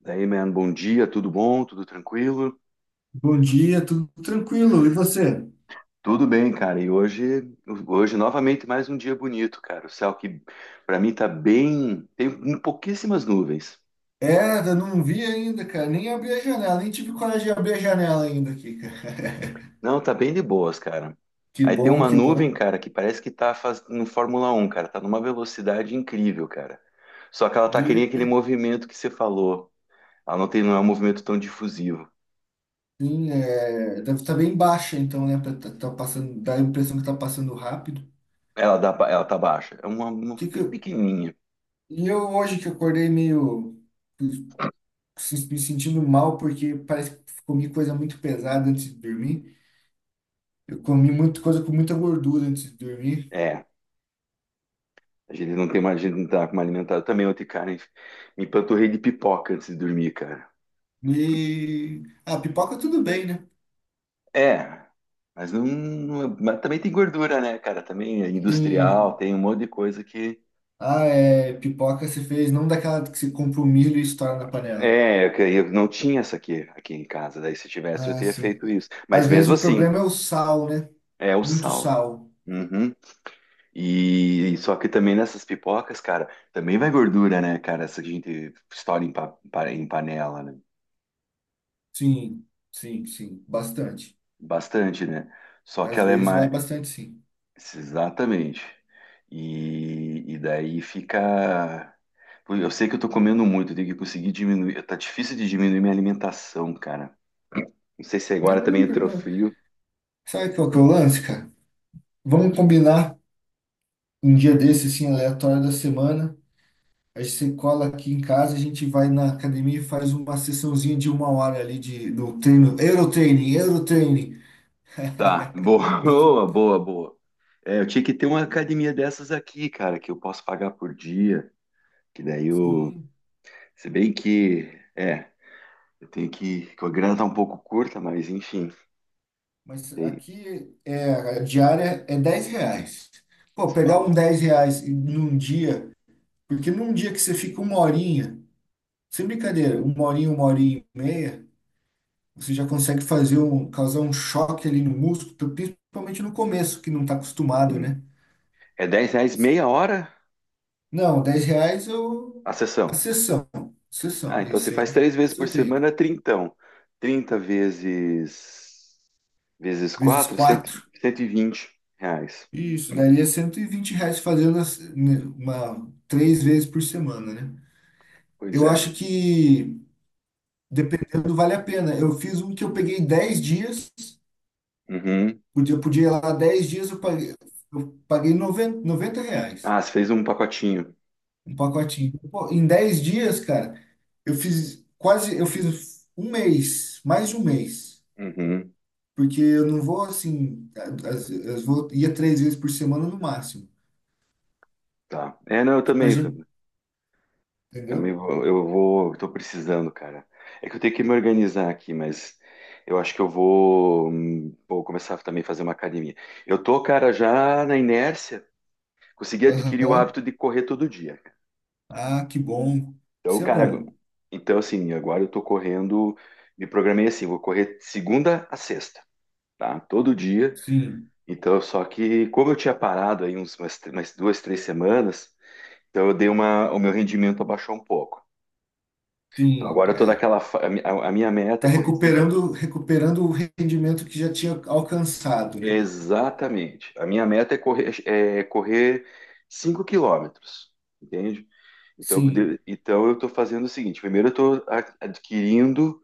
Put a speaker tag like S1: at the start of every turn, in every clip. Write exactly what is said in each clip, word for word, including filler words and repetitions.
S1: Daí, man, bom dia, tudo bom? Tudo tranquilo?
S2: Bom dia, tudo tranquilo? E você?
S1: Tudo bem, cara. E hoje, hoje novamente mais um dia bonito, cara. O céu que pra mim tá bem, tem pouquíssimas nuvens.
S2: É, eu não vi ainda, cara. Nem abri a janela, nem tive coragem de abrir a janela ainda aqui, cara.
S1: Não, tá bem de boas, cara.
S2: Que
S1: Aí tem
S2: bom,
S1: uma
S2: que
S1: nuvem,
S2: bom.
S1: cara, que parece que tá faz... no Fórmula Um, cara. Tá numa velocidade incrível, cara. Só que ela tá
S2: E,
S1: querendo aquele movimento que você falou. Ela não tem, não é um movimento tão difusivo.
S2: sim, é, deve estar bem baixa, então, né? pra Tá, tá passando, dá a impressão que tá passando rápido.
S1: Ela dá, ba- ela tá baixa. É uma, uma
S2: Que que
S1: pe-
S2: eu-
S1: pequenininha.
S2: e eu hoje que acordei meio se- me sentindo mal, porque parece que comi coisa muito pesada antes de dormir. Eu comi muita coisa com muita gordura antes de dormir.
S1: É, a gente não tem mais, a gente não tá como alimentado. Também ontem, cara, me empanturrei de pipoca antes de dormir, cara.
S2: E a pipoca tudo bem, né?
S1: É, mas não, não- é, mas também tem gordura, né, cara? Também é industrial,
S2: Sim.
S1: tem um monte de coisa que.
S2: Ah, é. Pipoca se fez não daquela que se compra o milho e estoura na panela.
S1: É, que eu não tinha essa aqui, aqui em casa. Daí se tivesse, eu
S2: Ah,
S1: teria
S2: sim.
S1: feito isso. Mas
S2: Às vezes
S1: mesmo
S2: o
S1: assim,
S2: problema é o sal, né?
S1: é o
S2: Muito
S1: sal.
S2: sal.
S1: Uhum. E só que também nessas pipocas, cara, também vai gordura, né, cara? Essa que a gente estoura em, pa- pa- em panela, né?
S2: Sim, sim, sim. Bastante.
S1: Bastante, né? Só que
S2: Às
S1: ela é
S2: vezes vai
S1: mais.
S2: bastante, sim.
S1: Exatamente. E, e daí fica. Pô, eu sei que eu tô comendo muito, eu tenho que conseguir diminuir. Tá difícil de diminuir minha alimentação, cara. Não sei se
S2: Não,
S1: agora
S2: mas
S1: também
S2: não, per-
S1: entrou
S2: não.
S1: frio.
S2: Sabe qual que é o lance, cara? Vamos combinar um dia desse, assim, aleatório da semana. A gente se cola aqui em casa, a gente vai na academia e faz uma sessãozinha de uma hora ali de, do treino. Eurotraining, Eurotraining.
S1: Tá, boa,
S2: Do, tu-
S1: boa, boa, boa. É, eu tinha que ter uma academia dessas aqui, cara, que eu posso pagar por dia. Que daí eu.
S2: sim.
S1: Se bem que. É, eu tenho que. Que a grana tá um pouco curta, mas enfim.
S2: Mas
S1: Tem,
S2: aqui é, a diária é dez reais. Pô,
S1: se
S2: pegar um
S1: fala.
S2: dez reais num dia, porque num dia que você fica uma horinha, sem brincadeira, uma horinha, uma horinha e meia, você já consegue fazer um, causar um choque ali no músculo, então, principalmente no começo, que não está acostumado,
S1: Sim.
S2: né?
S1: É dez reais meia hora
S2: Não, dez reais eu.
S1: a
S2: A
S1: sessão.
S2: sessão.
S1: Ah,
S2: Sessão. Aí
S1: então você
S2: você
S1: faz
S2: entra,
S1: três vezes
S2: faz
S1: por
S2: seu treino.
S1: semana, trintão. Trinta vezes vezes
S2: Vezes
S1: quatro, cento
S2: quatro.
S1: cento e vinte reais.
S2: Isso, daria cento e vinte reais fazendo as- né, uma, três vezes por semana, né?
S1: Pois
S2: Eu
S1: é.
S2: acho que, dependendo, vale a pena. Eu fiz um que eu peguei dez dias,
S1: Uhum.
S2: podia, podia ir lá dez dias, eu paguei, eu paguei noventa, noventa reais,
S1: Ah, você fez um pacotinho.
S2: um pacotinho. Pô, em dez dias, cara, eu fiz quase, eu fiz um mês, mais de um mês,
S1: Uhum.
S2: porque eu não vou assim, as, as vou, ia três vezes por semana no máximo,
S1: Tá. É, não, eu
S2: que pra
S1: também,
S2: gente,
S1: também
S2: entendeu?
S1: vou, eu vou, tô precisando, cara. É que eu tenho que me organizar aqui, mas eu acho que eu vou, hum, vou começar também a fazer uma academia. Eu tô, cara, já na inércia, consegui adquirir o
S2: Aham.
S1: hábito de correr todo dia.
S2: Ah, que bom.
S1: Então,
S2: Isso é
S1: cara,
S2: bom.
S1: então assim, agora eu tô correndo, me programei assim, vou correr segunda a sexta, tá? Todo dia.
S2: Sim,
S1: Então, só que como eu tinha parado aí uns, umas, umas duas, três semanas, então eu dei uma, o meu rendimento abaixou um pouco. Então
S2: sim.
S1: agora eu tô
S2: É.
S1: naquela, fa- a, mi- a- a minha meta
S2: Tá
S1: é correr cinco,
S2: recuperando, recuperando o rendimento que já tinha alcançado, né?
S1: exatamente. A minha meta é correr, é correr cinco quilômetros, entende? Então, eu
S2: Sim.
S1: poder- então eu tô fazendo o seguinte, primeiro eu tô a- adquirindo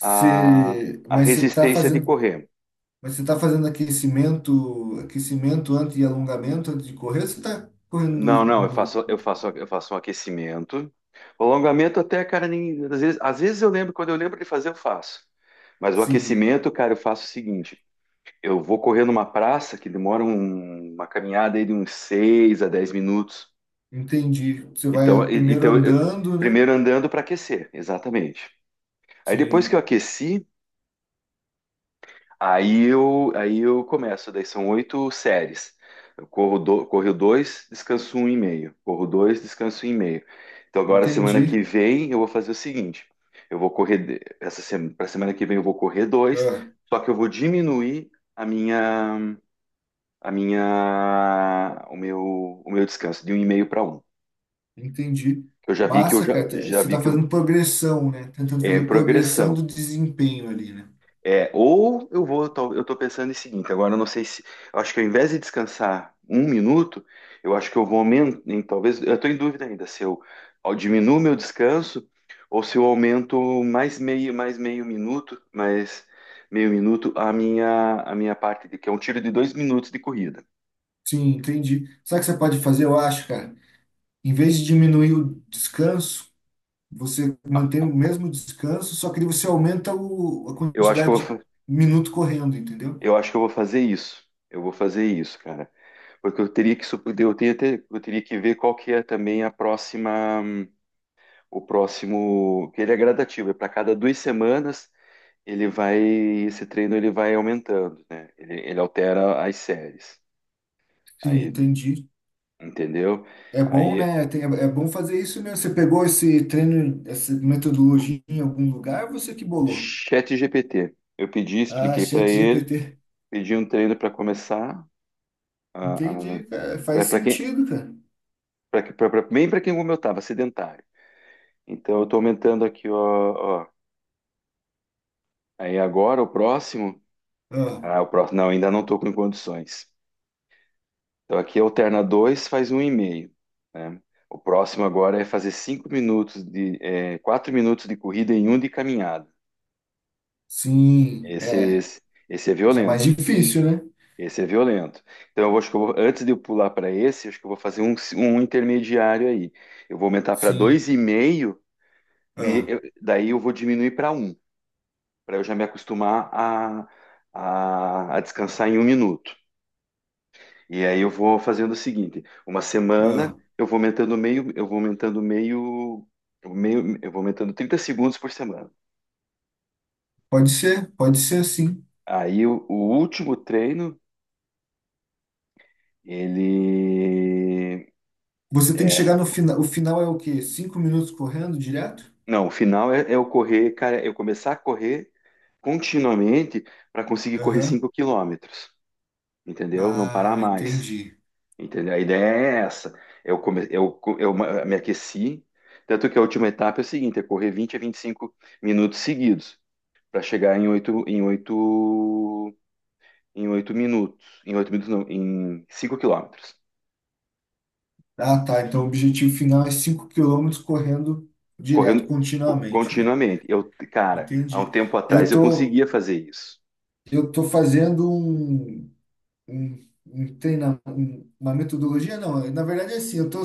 S1: a, a
S2: mas você tá
S1: resistência de
S2: fazendo,
S1: correr.
S2: mas você tá fazendo aquecimento, aquecimento antes e alongamento antes de correr, ou você tá correndo
S1: Não, não, eu
S2: no,
S1: faço,
S2: no-
S1: eu faço, eu faço um aquecimento. O alongamento até, cara, nem, às vezes, às vezes eu lembro, quando eu lembro de fazer, eu faço. Mas o
S2: Sim,
S1: aquecimento, cara, eu faço o seguinte: eu vou correr numa praça que demora um- uma caminhada aí de uns seis a dez minutos.
S2: entendi. Você
S1: Então,
S2: vai
S1: e-
S2: primeiro
S1: então eu-
S2: andando, né?
S1: primeiro andando para aquecer, exatamente. Aí depois que eu
S2: Sim,
S1: aqueci, Aí eu, aí eu começo, daí são oito séries. Eu corro, do, corro dois, descanso um e meio. Corro dois, descanso um e meio. Então agora, semana que
S2: entendi.
S1: vem, eu vou fazer o seguinte: eu vou correr, de- essa semana, para semana que vem, eu vou correr dois,
S2: Ah,
S1: só que eu vou diminuir a minha, a minha, o meu, o meu descanso de um e meio para um.
S2: entendi.
S1: Eu já vi que eu
S2: Massa,
S1: já,
S2: cara. Te-
S1: já
S2: Você
S1: vi
S2: tá
S1: que eu-
S2: fazendo progressão, né? Tentando
S1: é em
S2: fazer progressão
S1: progressão.
S2: do desempenho ali, né?
S1: É, ou eu vou, tal- eu tô pensando em seguinte, agora eu não sei se, eu acho que ao invés de descansar um minuto, eu acho que eu vou aumentar, talvez, eu tô em dúvida ainda se eu ao- diminuo meu descanso ou se eu aumento mais meio, mais meio minuto, mais meio minuto a minha, a minha parte, de, que é um tiro de dois minutos de corrida.
S2: Sim, entendi. Sabe o que você pode fazer, eu acho, cara? Em vez de diminuir o descanso, você mantém o mesmo descanso, só que você aumenta o, a
S1: Eu acho que eu vou,
S2: quantidade de
S1: fa-
S2: minuto correndo, entendeu?
S1: eu acho que eu vou fazer isso. Eu vou fazer isso, cara. Porque eu teria que, sup- eu teria, ter- eu teria que ver qual que é também a próxima. hum, O próximo, que ele é gradativo, é para cada duas semanas ele vai, esse treino ele vai aumentando, né? Ele, ele altera as séries.
S2: Sim,
S1: Aí,
S2: entendi.
S1: entendeu?
S2: É bom,
S1: Aí,
S2: né? Tem- é é bom fazer isso mesmo. Você pegou esse treino, essa metodologia em algum lugar, você que bolou?
S1: chat G P T. Eu pedi,
S2: Ah,
S1: expliquei para ele,
S2: ChatGPT.
S1: pedi um treino para começar,
S2: Entendi, cara. Faz
S1: para quem,
S2: sentido, cara.
S1: pra, que- pra, pra, bem para quem como eu estava, sedentário. Então, eu estou aumentando aqui, ó, ó. Aí agora o próximo,
S2: Ah,
S1: ah, o próximo, não, ainda não estou com condições. Então aqui alterna dois faz um 1,5, né? O próximo agora é fazer cinco minutos de, é, quatro minutos de corrida e um de caminhada.
S2: sim,
S1: Esse,
S2: é.
S1: esse, esse é
S2: Já é mais
S1: violento.
S2: difícil, né?
S1: Esse é violento. Então eu vou- acho que eu vou, antes de eu pular para esse, acho que eu vou fazer um, um intermediário aí. Eu vou aumentar para
S2: Sim.
S1: dois e meio, de,
S2: Ah,
S1: eu- daí eu vou diminuir para um para eu já me acostumar a, a, a descansar em um minuto. E aí eu vou fazendo o seguinte, uma semana
S2: ah.
S1: eu vou aumentando meio, eu vou aumentando meio, meio, eu vou aumentando trinta segundos por semana.
S2: Pode ser, pode ser sim.
S1: Aí o, o último treino, ele
S2: Você tem que
S1: é,
S2: chegar no final. O final é o quê? Cinco minutos correndo direto?
S1: não, o final é, é, eu correr, cara, é eu começar a correr continuamente para conseguir correr
S2: Aham.
S1: cinco quilômetros, entendeu? Não parar
S2: Ah,
S1: mais,
S2: entendi.
S1: entendeu? A ideia é essa. É Eu come, eu, co- eu ma- Me aqueci, tanto que a última etapa é o seguinte, é correr vinte a vinte e cinco minutos seguidos. Para chegar em oito em oito em oito minutos, em oito minutos não, em cinco quilômetros,
S2: Ah, tá. Então o objetivo final é cinco quilômetros correndo direto,
S1: correndo co-
S2: continuamente, né?
S1: continuamente. Eu, cara, há um
S2: Entendi.
S1: tempo
S2: Eu
S1: atrás eu
S2: tô,
S1: conseguia fazer isso.
S2: eu tô fazendo um, um, um treinamento, uma metodologia, não. Na verdade é assim, eu tô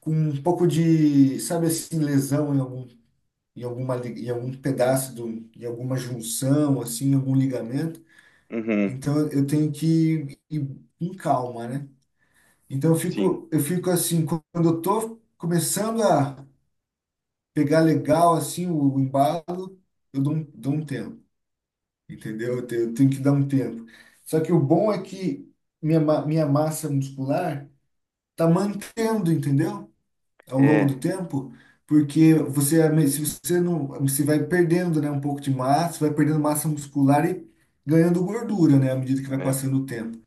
S2: com um pouco de, sabe assim, lesão em algum, em alguma, li- em algum pedaço do, em alguma junção, assim, em algum ligamento.
S1: Uhum,
S2: Então eu tenho que ir com calma, né? Então eu
S1: sim,
S2: fico, eu fico assim, quando eu tô começando a pegar legal assim o o embalo, eu dou um, dou um tempo, entendeu? Eu te- eu tenho que dar um tempo. Só que o bom é que minha, ma- minha massa muscular tá mantendo, entendeu? Ao longo do
S1: é,
S2: tempo, porque você se você não, você vai perdendo, né, um pouco de massa, vai perdendo massa muscular e ganhando gordura, né, à medida que vai
S1: é,
S2: passando o tempo.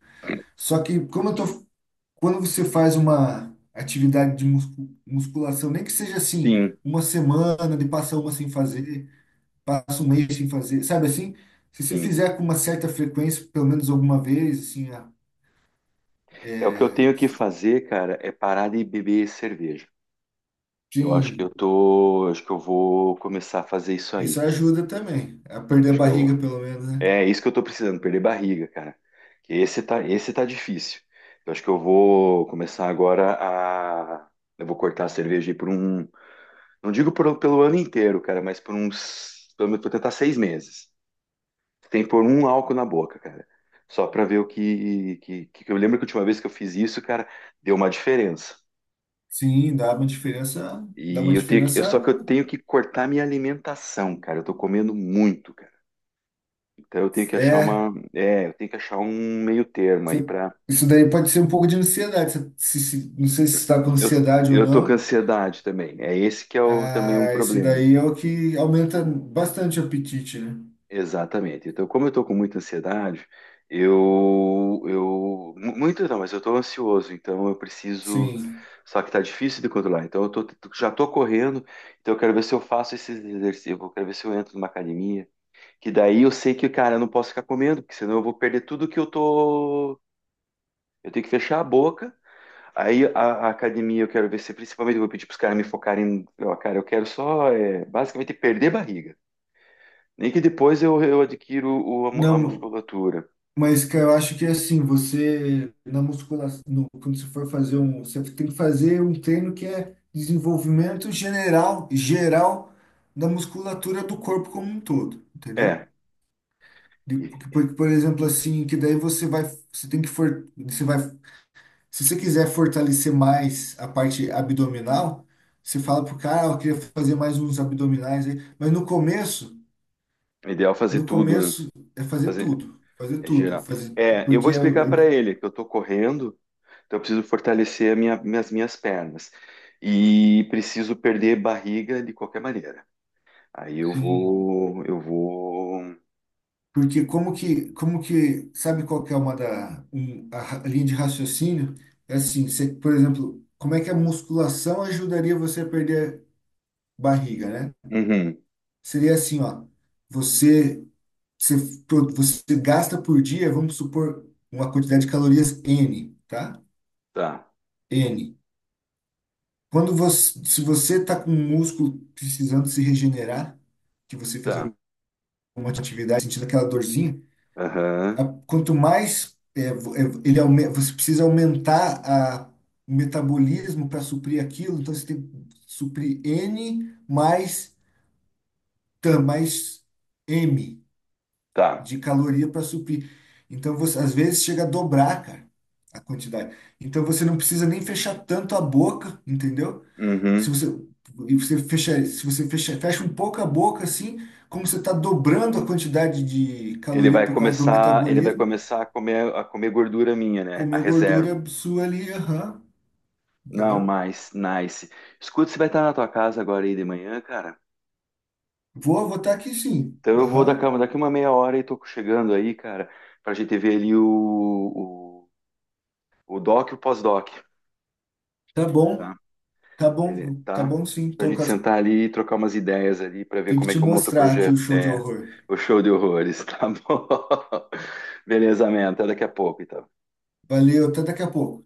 S2: Só que como eu tô quando você faz uma atividade de muscu- musculação, nem que seja assim,
S1: sim,
S2: uma semana, de passa uma sem fazer, passa um mês sem fazer, sabe assim? Se você
S1: sim.
S2: fizer com uma certa frequência, pelo menos alguma vez, assim, a-
S1: É o que eu
S2: é,
S1: tenho que fazer, cara, é parar de beber cerveja. Eu acho que eu
S2: sim,
S1: tô, Acho que eu vou começar a fazer isso aí,
S2: isso
S1: cara.
S2: ajuda também a perder a
S1: Acho que eu
S2: barriga, pelo menos, né?
S1: É isso que eu tô precisando, perder barriga, cara. Que Esse tá, esse tá difícil. Eu acho que eu vou começar agora a. Eu vou cortar a cerveja aí por um. Não digo por- pelo ano inteiro, cara, mas por uns. Pelo menos vou tentar seis meses. Tem que pôr um álcool na boca, cara. Só pra ver o que, que, que- Eu lembro que a última vez que eu fiz isso, cara, deu uma diferença.
S2: Sim, dá uma diferença, dá
S1: E
S2: uma
S1: eu tenho que. eu- Só
S2: diferença,
S1: que eu tenho que cortar minha alimentação, cara. Eu tô comendo muito, cara. Então eu tenho que achar
S2: é,
S1: uma. É, eu tenho que achar um meio termo aí
S2: você-
S1: pra.
S2: isso daí pode ser um pouco de ansiedade, você- se, se- não sei se está com
S1: Eu,
S2: ansiedade ou
S1: eu tô com
S2: não.
S1: ansiedade também. É esse que é o, também um
S2: Ah, isso
S1: problema.
S2: daí é o que aumenta bastante o apetite, né?
S1: Exatamente. Então, como eu tô com muita ansiedade, eu, eu, mu- muito não, mas eu tô ansioso, então eu preciso,
S2: Sim.
S1: só que tá difícil de controlar. Então, eu tô, já tô correndo, então eu quero ver se eu faço esses exercícios, eu quero ver se eu entro numa academia, que daí eu sei que, cara, eu não posso ficar comendo, porque senão eu vou perder tudo que eu tô, eu tenho que fechar a boca. Aí a, a academia eu quero ver se principalmente eu vou pedir para os caras me focarem. Ó, cara, eu quero só é, basicamente perder barriga. Nem que depois eu, eu adquiro o- a, mu- a
S2: Não,
S1: musculatura.
S2: mas cara, eu acho que é assim, você na musculação, no- quando você for fazer um, você tem que fazer um treino que é desenvolvimento general, geral da musculatura do corpo como um todo, entendeu?
S1: É,
S2: De- Porque,
S1: e-
S2: porque, por exemplo, assim, que daí você vai, você tem que for, você vai. Se você quiser fortalecer mais a parte abdominal, você fala pro cara, "Ah, eu queria fazer mais uns abdominais aí. Mas no começo,
S1: é ideal é fazer
S2: no
S1: tudo, né?
S2: começo é fazer
S1: Fazer,
S2: tudo, fazer
S1: é
S2: tudo,
S1: geral.
S2: fazer
S1: É, eu
S2: porque
S1: vou explicar
S2: eu- eu-
S1: para ele que eu estou correndo, então eu preciso fortalecer a minha, minhas, minhas pernas. E preciso perder barriga de qualquer maneira. Aí eu
S2: Sim,
S1: vou. Eu vou.
S2: porque como que como que sabe qual que é uma da um- a ra- linha de raciocínio? É assim, você, por exemplo, como é que a musculação ajudaria você a perder barriga, né?
S1: Uhum,
S2: Seria assim, ó. Você, você, pro- você gasta por dia, vamos supor, uma quantidade de calorias N, tá?
S1: tá,
S2: N. Quando você, se você está com um músculo precisando se regenerar, que você fez
S1: tá.
S2: alguma atividade, sentindo aquela dorzinha,
S1: Aham,
S2: a- quanto mais é, vo- é, ele aume- você precisa aumentar a, o metabolismo para suprir aquilo, então você tem que suprir N mais, tan- mais M
S1: tá.
S2: de caloria para suprir. Então, você, às vezes chega a dobrar, cara, a quantidade. Então, você não precisa nem fechar tanto a boca, entendeu? Se
S1: Uhum.
S2: você, e você fecha, se você fecha, fecha um pouco a boca, assim, como você está dobrando a quantidade de
S1: Ele
S2: caloria
S1: vai
S2: por causa do
S1: começar, ele vai
S2: metabolismo,
S1: começar a comer, a comer gordura minha, né? A
S2: comer gordura
S1: reserva.
S2: sua ali, aham,
S1: Não,
S2: entendeu?
S1: mas, nice. Escuta, você vai estar na tua casa agora aí de manhã, cara?
S2: Vou votar aqui sim,
S1: Então eu vou da
S2: aham.
S1: cama daqui uma meia hora e tô chegando aí, cara, pra gente ver ali o, o, o doc e o pós-doc,
S2: Tá bom,
S1: tá?
S2: tá
S1: Ele,
S2: bom, tá
S1: tá?
S2: bom, sim.
S1: Pra
S2: Tô com
S1: gente
S2: as-
S1: sentar ali e trocar umas ideias ali pra ver
S2: tem que
S1: como é
S2: te
S1: que eu monto o
S2: mostrar aqui o
S1: projeto.
S2: show de
S1: É,
S2: horror.
S1: o show de horrores, tá bom? Beleza, man, até daqui a pouco, então.
S2: Valeu, até daqui a pouco.